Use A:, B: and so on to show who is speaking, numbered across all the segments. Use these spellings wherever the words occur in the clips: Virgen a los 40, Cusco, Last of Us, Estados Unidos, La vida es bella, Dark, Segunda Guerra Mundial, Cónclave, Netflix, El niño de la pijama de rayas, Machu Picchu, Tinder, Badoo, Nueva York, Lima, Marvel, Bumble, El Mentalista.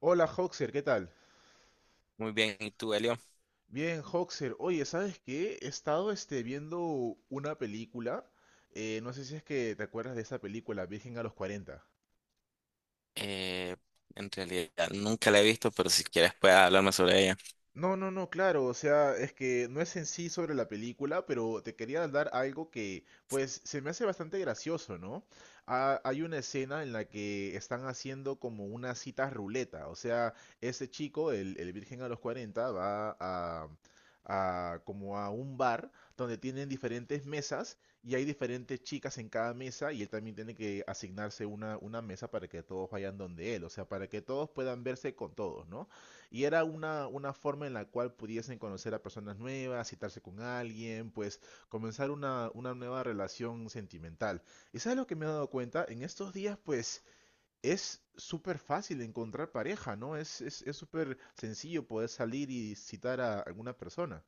A: Hola Hoxer, ¿qué tal?
B: Muy bien, ¿y tú, Elio?
A: Bien, Hoxer, oye, ¿sabes qué? He estado viendo una película, no sé si es que te acuerdas de esa película, Virgen a los 40.
B: Eh, en realidad nunca la he visto, pero si quieres puedes hablarme sobre ella.
A: No, no, no, claro, o sea, es que no es en sí sobre la película, pero te quería dar algo que, pues, se me hace bastante gracioso, ¿no? Ah, hay una escena en la que están haciendo como una cita ruleta, o sea, este chico, el virgen a los 40, a como a un bar donde tienen diferentes mesas y hay diferentes chicas en cada mesa y él también tiene que asignarse una mesa para que todos vayan donde él, o sea, para que todos puedan verse con todos, ¿no? Y era una forma en la cual pudiesen conocer a personas nuevas, citarse con alguien, pues comenzar una nueva relación sentimental. ¿Y sabes lo que me he dado cuenta? En estos días, pues es súper fácil encontrar pareja, ¿no? Es súper sencillo poder salir y citar a alguna persona.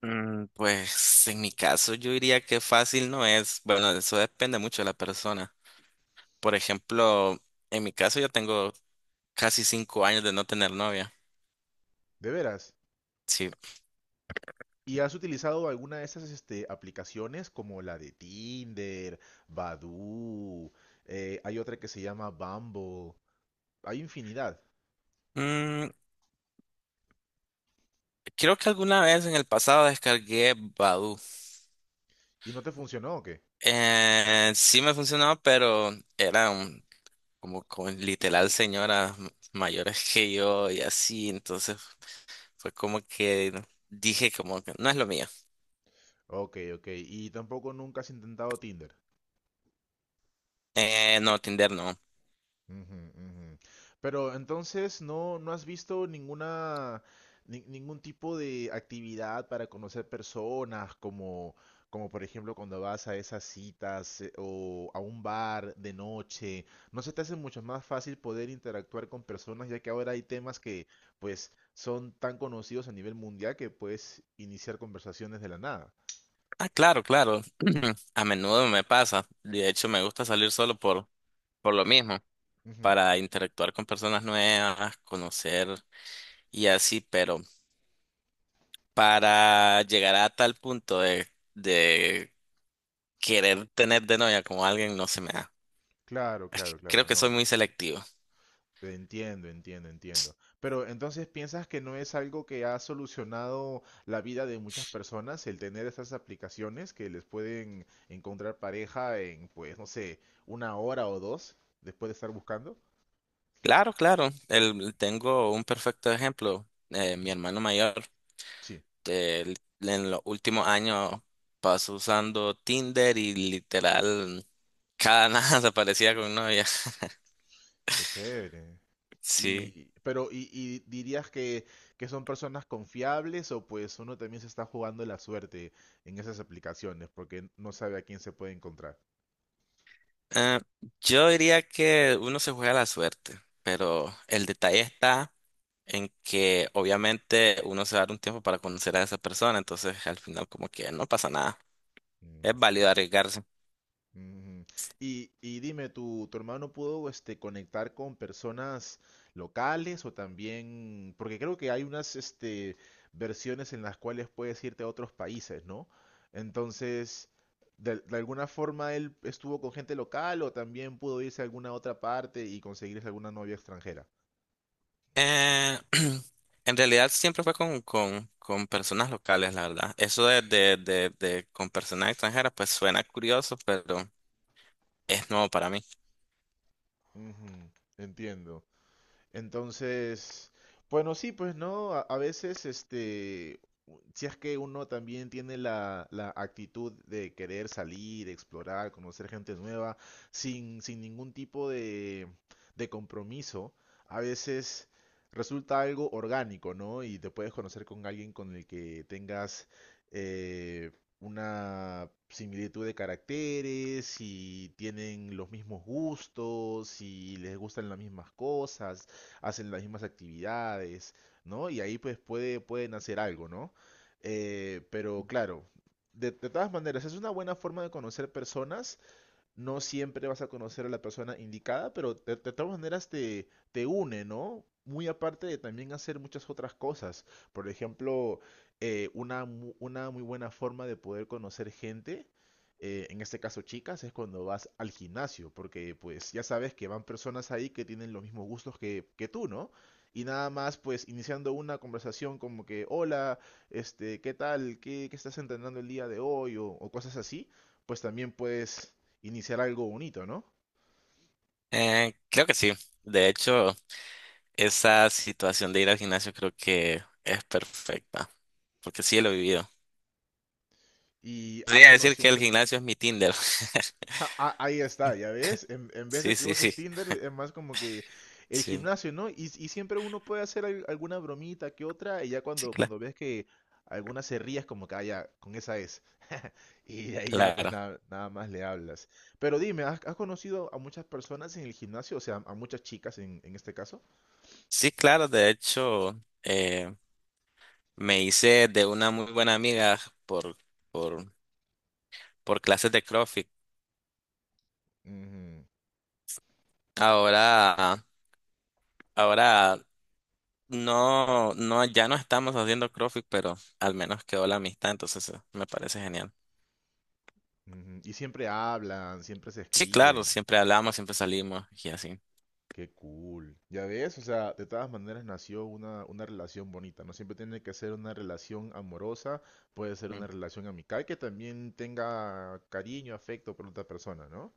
B: Mm, pues en mi caso yo diría que fácil no es. Bueno, eso depende mucho de la persona. Por ejemplo, en mi caso yo tengo casi cinco años de no tener novia.
A: ¿De veras?
B: Sí.
A: ¿Y has utilizado alguna de esas aplicaciones como la de Tinder, Badoo? Hay otra que se llama Bumble. Hay infinidad.
B: Mm, creo que alguna vez en el pasado descargué Badoo.
A: ¿Y no te funcionó o qué?
B: Sí me funcionó, pero eran como con literal señoras mayores que yo y así, entonces. Fue como que dije como que no es lo mío.
A: Ok, ok. Y tampoco nunca has intentado Tinder.
B: No, Tinder no.
A: Ujú, ujú. Pero entonces no has visto ninguna ningún tipo de actividad para conocer personas, como, como por ejemplo cuando vas a esas citas o a un bar de noche. ¿No se te hace mucho más fácil poder interactuar con personas, ya que ahora hay temas que pues son tan conocidos a nivel mundial que puedes iniciar conversaciones de la nada?
B: Ah, claro, claro. A menudo me pasa. De hecho, me gusta salir solo por lo mismo,
A: Ujú.
B: para interactuar con personas nuevas, conocer y así, pero para llegar a tal punto de querer tener de novia como alguien no se me da.
A: Claro,
B: Es que
A: claro,
B: creo
A: claro.
B: que
A: No,
B: soy muy
A: no.
B: selectivo.
A: Entiendo, entiendo, entiendo. Pero entonces, ¿piensas que no es algo que ha solucionado la vida de muchas personas el tener esas aplicaciones que les pueden encontrar pareja en, pues, no sé, una hora o dos después de estar buscando?
B: Claro, claro. Tengo un perfecto ejemplo.
A: Ujú.
B: Mi hermano mayor.
A: Sí,
B: Eh, en los últimos años paso usando Tinder y literal cada nada se parecía con novia.
A: qué chévere.
B: Sí.
A: Y, pero, y dirías que son personas confiables o pues uno también se está jugando la suerte en esas aplicaciones porque no sabe a quién se puede encontrar?
B: Eh, yo diría que uno se juega la suerte, pero el detalle está en que obviamente uno se va a dar un tiempo para conocer a esa persona, entonces al final como que no pasa nada. Es
A: Ujú.
B: válido arriesgarse.
A: Ujú. Y dime, tu hermano pudo conectar con personas locales o también, porque creo que hay unas versiones en las cuales puedes irte a otros países, ¿no? Entonces, de alguna forma él estuvo con gente local o también pudo irse a alguna otra parte y conseguirse alguna novia extranjera.
B: Eh, en realidad siempre fue con personas locales, la verdad. Eso de con personas extranjeras, pues suena curioso, pero es nuevo para mí.
A: Ujú. Entiendo. Entonces, bueno, sí, pues no, a veces si es que uno también tiene la actitud de querer salir, explorar, conocer gente nueva, sin ningún tipo de compromiso, a veces resulta algo orgánico, ¿no? Y te puedes conocer con alguien con el que tengas eh, una similitud de caracteres, y tienen los mismos gustos, y les gustan las mismas cosas, hacen las mismas actividades, ¿no? Y ahí pues puede, pueden hacer algo, ¿no? Pero claro, de todas maneras, es una buena forma de conocer personas, no siempre vas a conocer a la persona indicada, pero de todas maneras te une, ¿no? Muy aparte de también hacer muchas otras cosas. Por ejemplo, una, una muy buena forma de poder conocer gente, en este caso chicas, es cuando vas al gimnasio, porque pues ya sabes que van personas ahí que tienen los mismos gustos que tú, ¿no? Y nada más pues iniciando una conversación como que, hola, este, ¿qué tal? Qué estás entrenando el día de hoy? O cosas así, pues también puedes iniciar algo bonito, ¿no?
B: Creo que sí. De hecho, esa situación de ir al gimnasio creo que es perfecta, porque sí lo he vivido.
A: ¿Y has
B: Podría decir
A: conocido
B: que el
A: muchas
B: gimnasio
A: chicas?
B: es mi Tinder.
A: Ja, ah, ahí está, ya ves, en vez de
B: Sí,
A: que
B: sí, sí,
A: uses Tinder, es más como que el
B: sí,
A: gimnasio, ¿no? Y siempre uno puede hacer alguna bromita que otra, y ya
B: sí, cla-
A: cuando ves que alguna se ríe, es como que, ah, ya, con esa es. Y de ahí ya, pues
B: claro.
A: nada, nada más le hablas. Pero dime, has conocido a muchas personas en el gimnasio? O sea, a muchas chicas en este caso.
B: Sí, claro, de hecho, me hice de una muy buena amiga por, por, por clases de CrossFit.
A: Ujú,
B: Ahora, Ahora no, ya no estamos haciendo CrossFit, pero al menos quedó la amistad, entonces me parece genial.
A: ujú. Y siempre hablan, siempre se
B: Sí, claro,
A: escriben.
B: siempre hablamos, siempre salimos y así.
A: Qué cool. Ya ves, o sea, de todas maneras nació una relación bonita. No siempre tiene que ser una relación amorosa, puede ser una
B: Mm,
A: relación amical que también tenga cariño, afecto por otra persona, ¿no?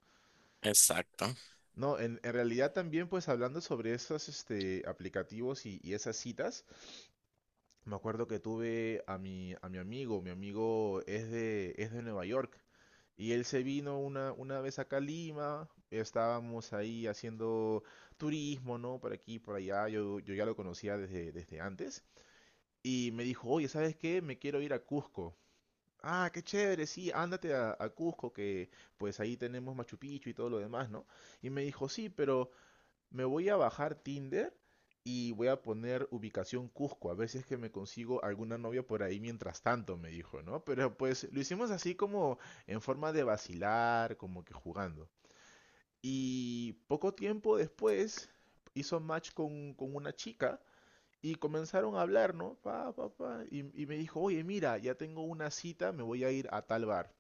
B: exacto.
A: No, en realidad también pues hablando sobre esos aplicativos y esas citas, me acuerdo que tuve a a mi amigo es es de Nueva York, y él se vino una vez acá a Lima, estábamos ahí haciendo turismo, ¿no? Por aquí, por allá, yo ya lo conocía desde antes, y me dijo, oye, ¿sabes qué? Me quiero ir a Cusco. Ah, qué chévere, sí, ándate a Cusco, que pues ahí tenemos Machu Picchu y todo lo demás, ¿no? Y me dijo, sí, pero me voy a bajar Tinder y voy a poner ubicación Cusco, a ver si es que me consigo alguna novia por ahí mientras tanto, me dijo, ¿no? Pero pues lo hicimos así como en forma de vacilar, como que jugando. Y poco tiempo después hizo match con una chica y comenzaron a hablar, ¿no? Pa, pa, pa, y me dijo, oye, mira, ya tengo una cita, me voy a ir a tal bar.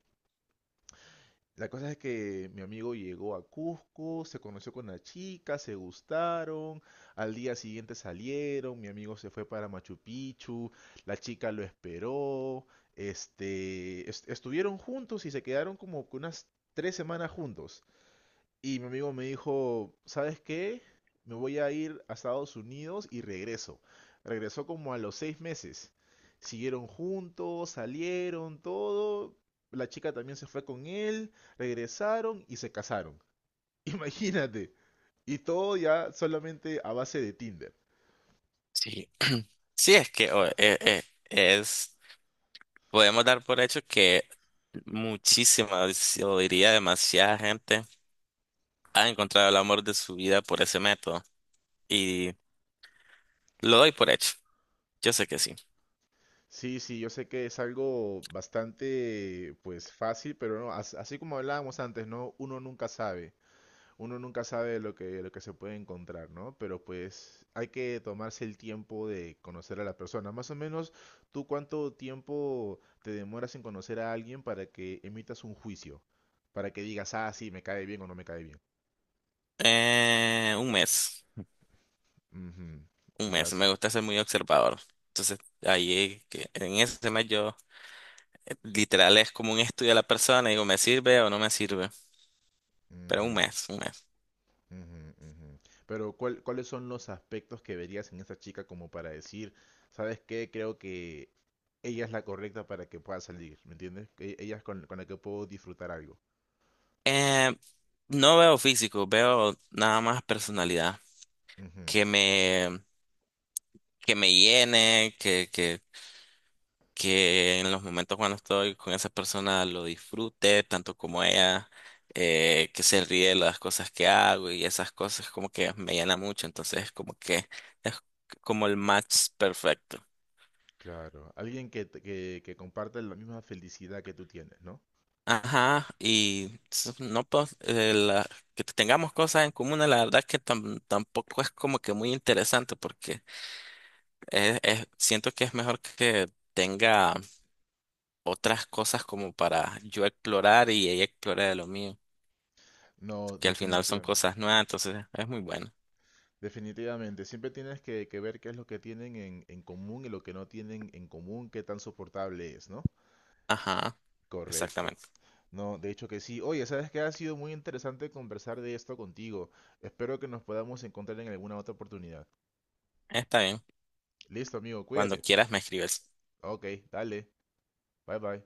A: La cosa es que mi amigo llegó a Cusco, se conoció con la chica, se gustaron, al día siguiente salieron, mi amigo se fue para Machu Picchu, la chica lo esperó, estuvieron juntos y se quedaron como que unas 3 semanas juntos. Y mi amigo me dijo, ¿sabes qué? Me voy a ir a Estados Unidos y regreso. Regresó como a los 6 meses. Siguieron juntos, salieron, todo. La chica también se fue con él, regresaron y se casaron. Imagínate. Y todo ya solamente a base de Tinder.
B: Sí. Sí, es que o- es, Podemos dar por hecho que muchísima, yo diría demasiada gente ha encontrado el amor de su vida por ese método. Y lo doy por hecho. Yo sé que sí.
A: Sí, sí, yo sé que es algo bastante, pues, fácil, pero no, así como hablábamos antes, ¿no? Uno nunca sabe. Uno nunca sabe lo lo que se puede encontrar, ¿no? Pero pues hay que tomarse el tiempo de conocer a la persona. Más o menos, ¿tú cuánto tiempo te demoras en conocer a alguien para que emitas un juicio? Para que digas, ah, sí, me cae bien o no me cae bien.
B: Un mes,
A: Ujú.
B: un
A: Le
B: mes.
A: das,
B: Me gusta ser muy observador. Entonces, ahí que- en ese mes yo literal es como un estudio a la persona y digo, ¿me sirve o no me sirve? Pero
A: ujú,
B: un mes, un mes.
A: ujú, ujú. Pero cuáles son los aspectos que verías en esta chica como para decir, ¿sabes qué? Creo que ella es la correcta para que pueda salir, ¿me entiendes? Que ella es con la que puedo disfrutar algo.
B: Eh, no veo físico, veo nada más personalidad. Que me, que me llene, que en los momentos cuando estoy con esa persona lo disfrute tanto como ella, que se ríe de las cosas que hago y esas cosas como que me llena mucho. Entonces como que es como el match perfecto.
A: Claro, alguien que, que comparte la misma felicidad que tú tienes, ¿no?
B: Ajá, y s- no pues, la- que tengamos cosas en común, la verdad que tam- tampoco es como que muy interesante porque siento que es mejor que tenga otras cosas como para yo explorar y ella explore de lo mío,
A: No,
B: que al final son
A: definitivamente.
B: cosas nuevas, entonces es muy bueno.
A: Definitivamente, siempre tienes que ver qué es lo que tienen en común y lo que no tienen en común, qué tan soportable es, ¿no?
B: Ajá,
A: Correcto.
B: exactamente.
A: No, de hecho que sí. Oye, sabes que ha sido muy interesante conversar de esto contigo. Espero que nos podamos encontrar en alguna otra oportunidad.
B: Está bien.
A: Listo, amigo,
B: Cuando
A: cuídate.
B: quieras me escribes.
A: Ok, dale. Bye bye.